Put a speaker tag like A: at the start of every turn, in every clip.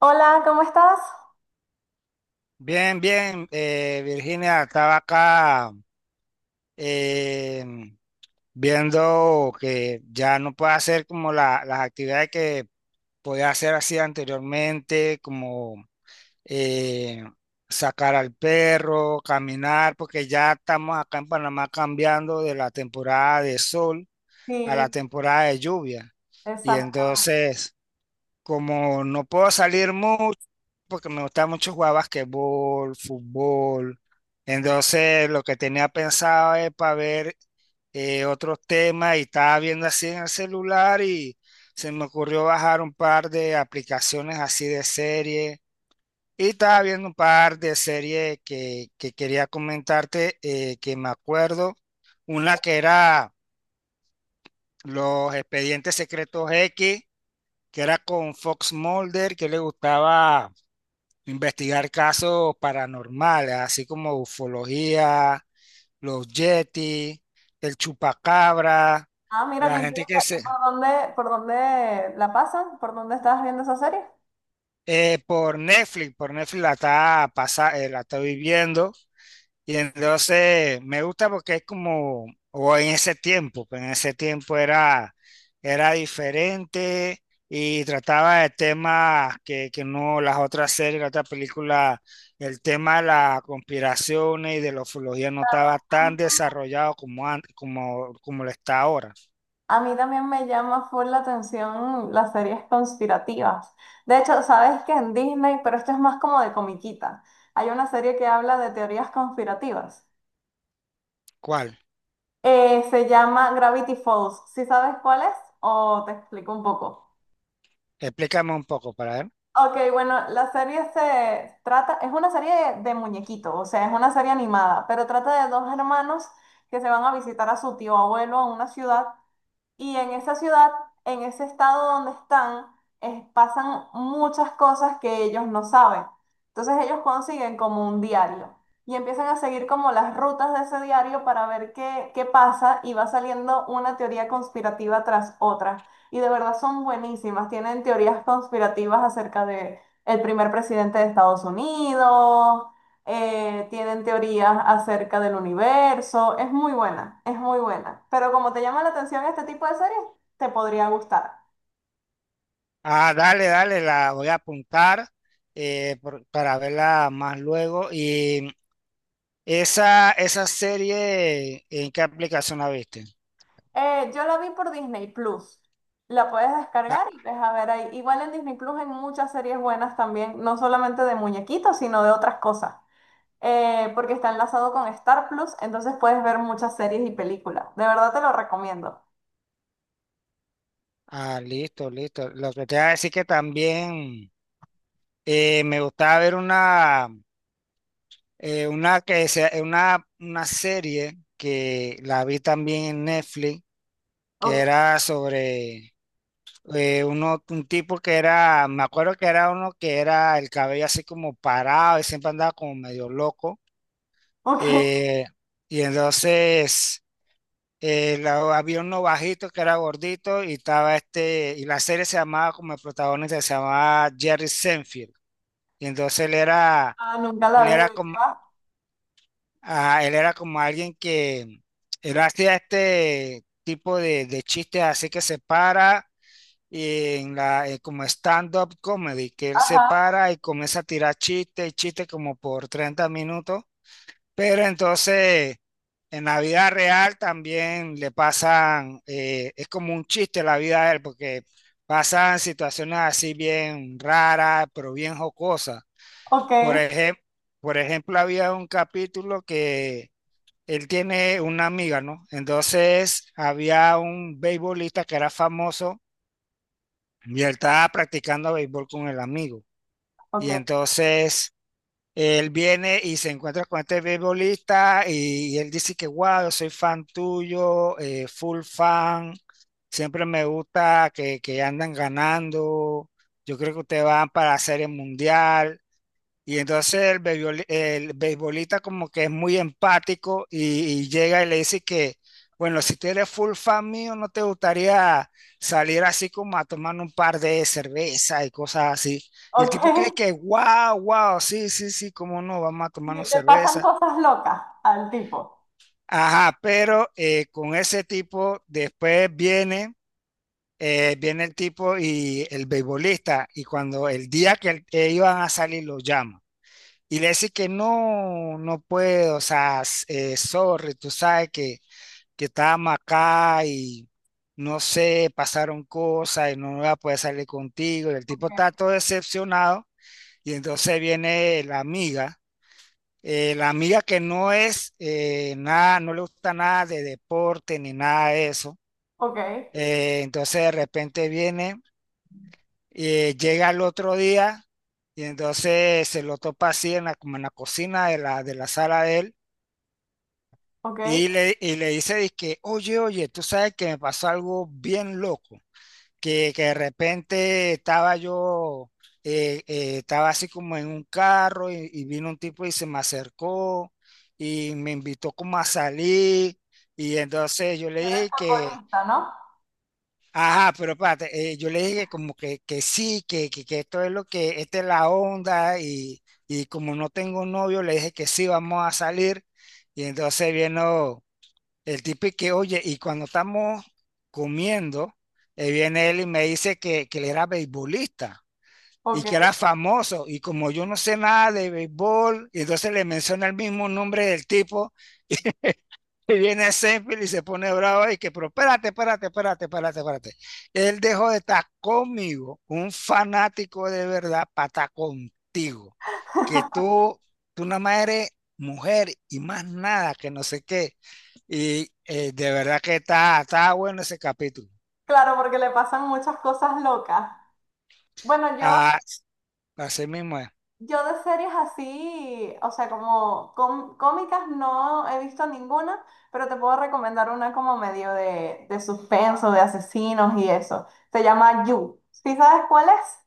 A: Hola, ¿cómo estás?
B: Bien, bien, Virginia, estaba acá eh, viendo que ya no puedo hacer como las actividades que podía hacer así anteriormente, como eh, sacar al perro, caminar, porque ya estamos acá en Panamá cambiando de la temporada de sol a la
A: Sí,
B: temporada de lluvia. Y
A: exacto.
B: entonces... Como no puedo salir mucho, porque me gusta mucho jugar basquetbol, fútbol. Entonces, lo que tenía pensado es para ver otros temas, y estaba viendo así en el celular y se me ocurrió bajar un par de aplicaciones así de serie. Y estaba viendo un par de series que quería comentarte, que me acuerdo. Una que era Los Expedientes Secretos X, que era con Fox Mulder, que le gustaba investigar casos paranormales, así como ufología, los Yeti, el chupacabra,
A: Ah, mira qué
B: la gente que
A: interesante.
B: se...
A: ¿Por dónde la pasan? ¿Por dónde estás viendo esa serie?
B: Eh, por Netflix la está, la está viviendo. Y entonces me gusta porque es como, o en ese tiempo, pues en ese tiempo era, era diferente y trataba de temas que no, las otras series, las otras películas, el tema de las conspiraciones y de la ufología no estaba
A: A mí
B: tan
A: tam-
B: desarrollado como lo está ahora.
A: a mí también me llama full la atención las series conspirativas. De hecho, sabes que en Disney, pero esto es más como de comiquita, hay una serie que habla de teorías conspirativas.
B: ¿Cuál?
A: Se llama Gravity Falls. ¿Sí sabes cuál es? O te explico un poco.
B: Explícame un poco para ver.
A: Ok, bueno, la serie se trata, es una serie de muñequitos, o sea, es una serie animada, pero trata de dos hermanos que se van a visitar a su tío abuelo a una ciudad y en esa ciudad, en ese estado donde están, pasan muchas cosas que ellos no saben. Entonces ellos consiguen como un diario y empiezan a seguir como las rutas de ese diario para ver qué pasa y va saliendo una teoría conspirativa tras otra. Y de verdad son buenísimas. Tienen teorías conspirativas acerca de el primer presidente de Estados Unidos, tienen teorías acerca del universo, es muy buena, es muy buena. Pero como te llama la atención este tipo de series, te podría gustar.
B: Ah, dale, dale, la voy a apuntar para verla más luego. Y esa serie, ¿en qué aplicación la viste?
A: Yo la vi por Disney Plus. La puedes
B: Ah,
A: descargar y ves a ver ahí. Igual en Disney Plus hay muchas series buenas también, no solamente de muñequitos, sino de otras cosas. Porque está enlazado con Star Plus, entonces puedes ver muchas series y películas. De verdad te lo recomiendo.
B: ah, listo, listo. Lo que te iba a decir que también me gustaba ver una, una serie que la vi también en Netflix, que
A: Ok,
B: era sobre un tipo que era, me acuerdo que era uno que era el cabello así como parado y siempre andaba como medio loco.
A: ok.
B: eh, y entonces... la- había uno bajito que era gordito y estaba este, y la serie se llamaba como el protagonista, se llamaba Jerry Seinfeld. Y entonces
A: Ah, nunca
B: él
A: la vi,
B: era
A: ¿de qué
B: como,
A: va?
B: ah, él era como alguien que, él hacía este tipo de chistes así, que se para y en la, como stand-up comedy, que él se
A: Ajá,
B: para y comienza a tirar chistes y chistes como por 30 minutos. Pero entonces, en la vida real también le pasan, es como un chiste la vida de él, porque pasan situaciones así bien raras, pero bien jocosas.
A: ok,
B: Por ejemplo, por ejemplo, había un capítulo que él tiene una amiga, ¿no? Entonces, había un beisbolista que era famoso y él estaba practicando béisbol con el amigo. Y
A: ok,
B: entonces él viene y se encuentra con este beisbolista y él dice que, wow, yo soy fan tuyo, full fan, siempre me gusta que andan ganando, yo creo que ustedes van para la Serie Mundial. Y entonces el beisbolista, como que es muy empático y llega y le dice que, bueno, si tú eres full fan mío, ¿no te gustaría salir así como a tomar un par de cerveza y cosas así? Y el tipo cree
A: ok.
B: que, wow, wow, sí, sí, sí, cómo no, vamos a
A: Sí,
B: tomarnos
A: le pasan
B: cerveza.
A: cosas locas al tipo.
B: Ajá, pero con ese tipo después viene, viene el tipo y el beisbolista, y cuando el día ellos van a salir lo llama. Y le dice que no, no puedo, o sea, sorry, tú sabes que estábamos acá y no sé, pasaron cosas y no voy a poder salir contigo. Y el tipo está todo decepcionado y entonces viene la amiga que no es nada, no le gusta nada de deporte ni nada de eso.
A: Ok,
B: Entonces de repente viene, llega el otro día y entonces se lo topa así en la, como en la cocina de la sala de él.
A: ok. Era
B: Y le dice, dizque, oye, oye, tú sabes que me pasó algo bien loco, que de repente estaba yo, estaba así como en un carro y vino un tipo y se me acercó y me invitó como a salir y entonces yo le
A: el
B: dije que,
A: futbolista, ¿no?
B: ajá, pero espérate, yo le dije que como que sí, que esto es lo que, esta es la onda y como no tengo novio, le dije que sí, vamos a salir y entonces vino... El tipo y que, oye, y cuando estamos comiendo, viene él y me dice que él era beisbolista y
A: Ok.
B: que era famoso. Y como yo no sé nada de béisbol, y entonces le menciona el mismo nombre del tipo, y viene Seinfeld y se pone bravo y que, pero espérate, espérate, espérate, espérate, espérate. Él dejó de estar conmigo, un fanático de verdad, para estar contigo. Que tú nada más eres mujer y más nada, que no sé qué. Y de verdad que está, está bueno ese capítulo.
A: Claro, porque le pasan muchas cosas locas. Bueno, yo,
B: Ah, así mismo es.
A: yo de series así, o sea, como cómicas no he visto ninguna, pero te puedo recomendar una como medio de suspenso, de asesinos y eso. Se llama You. ¿Sí sabes cuál es?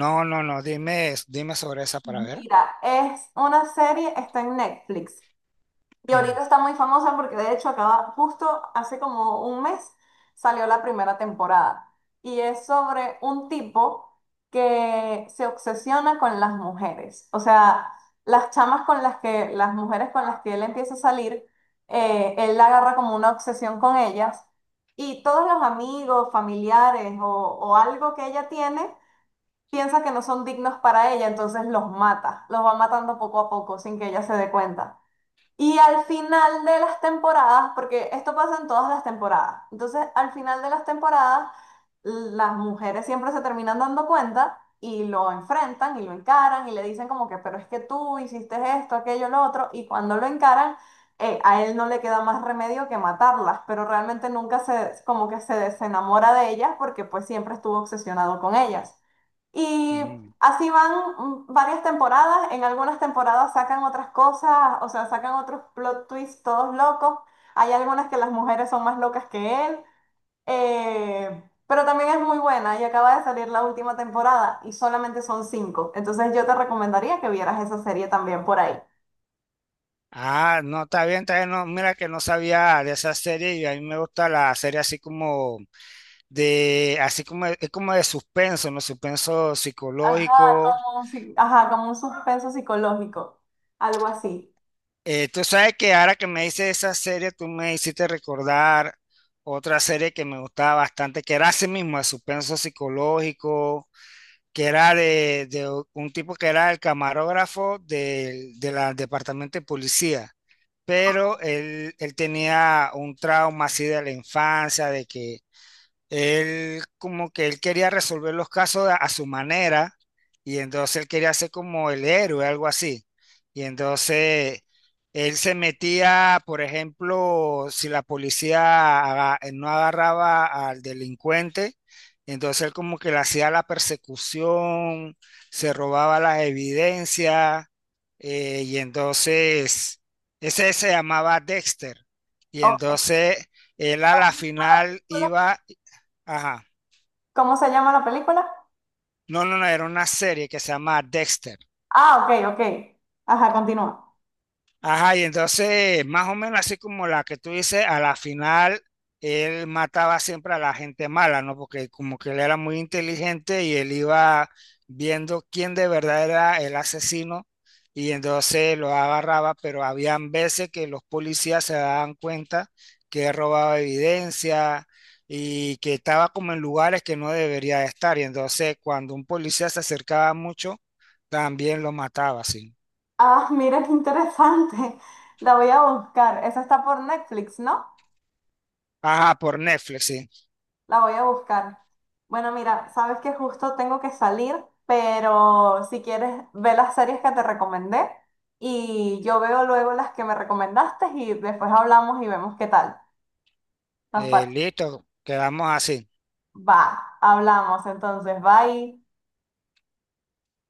B: No, no, no, dime, dime sobre esa para
A: Ujú.
B: ver.
A: Mira, es una serie, está en Netflix. Y
B: Ujú,
A: ahorita está muy famosa porque de hecho acaba, justo hace como un mes salió la primera temporada. Y es sobre un tipo que se obsesiona con las mujeres. O sea, las mujeres con las que él empieza a salir, él la agarra como una obsesión con ellas. Y todos los amigos, familiares o algo que ella tiene, piensa que no son dignos para ella, entonces los mata, los va matando poco a poco sin que ella se dé cuenta. Y al final de las temporadas, porque esto pasa en todas las temporadas, entonces al final de las temporadas las mujeres siempre se terminan dando cuenta y lo enfrentan y lo encaran y le dicen como que, pero es que tú hiciste esto, aquello, lo otro, y cuando lo encaran, a él no le queda más remedio que matarlas, pero realmente nunca se, como que se desenamora de ellas porque pues siempre estuvo obsesionado con ellas. Y
B: ujú.
A: así van varias temporadas, en algunas temporadas sacan otras cosas, o sea, sacan otros plot twists todos locos, hay algunas que las mujeres son más locas que él, pero también es muy buena y acaba de salir la última temporada y solamente son 5, entonces yo te recomendaría que vieras esa serie también por ahí.
B: Ah, no, está bien, está bien. No, mira que no sabía de esa serie y a mí me gusta la serie así como de, así como, es como de suspenso, ¿no? Suspenso
A: Ajá,
B: psicológico.
A: ajá, como un suspenso psicológico, algo así.
B: Tú sabes que ahora que me hice esa serie, tú me hiciste recordar otra serie que me gustaba bastante, que era así mismo, de suspenso psicológico, que era de un tipo que era el camarógrafo del, de la departamento de policía, pero él tenía un trauma así de la infancia, de que él como que él quería resolver los casos a su manera y entonces él quería ser como el héroe, algo así. Y entonces él se metía, por ejemplo, si la policía no agarraba al delincuente, entonces él como que le hacía la persecución, se robaba las evidencias, y entonces ese se llamaba Dexter. Y
A: Ok.
B: entonces él a la
A: ¿Cómo se llama la
B: final
A: película?
B: iba. Ajá.
A: ¿Cómo se llama la película?
B: No, no, no, era una serie que se llama Dexter.
A: Ah, ok, ok. Ajá, continúa.
B: Ajá, y entonces, más o menos así como la que tú dices, a la final él mataba siempre a la gente mala, ¿no? Porque como que él era muy inteligente y él iba viendo quién de verdad era el asesino y entonces lo agarraba, pero habían veces que los policías se daban cuenta que él robaba evidencia y que estaba como en lugares que no debería de estar y entonces cuando un policía se acercaba mucho, también lo mataba, sí.
A: Ah, mira qué interesante. La voy a buscar. Esa está por Netflix, ¿no?
B: Ajá, por Netflix, sí.
A: La voy a buscar. Bueno, mira, sabes que justo tengo que salir, pero si quieres, ve las series que te recomendé y yo veo luego las que me recomendaste y después hablamos y vemos qué tal. Nos parece.
B: Listo, quedamos así.
A: Va, hablamos entonces. Bye.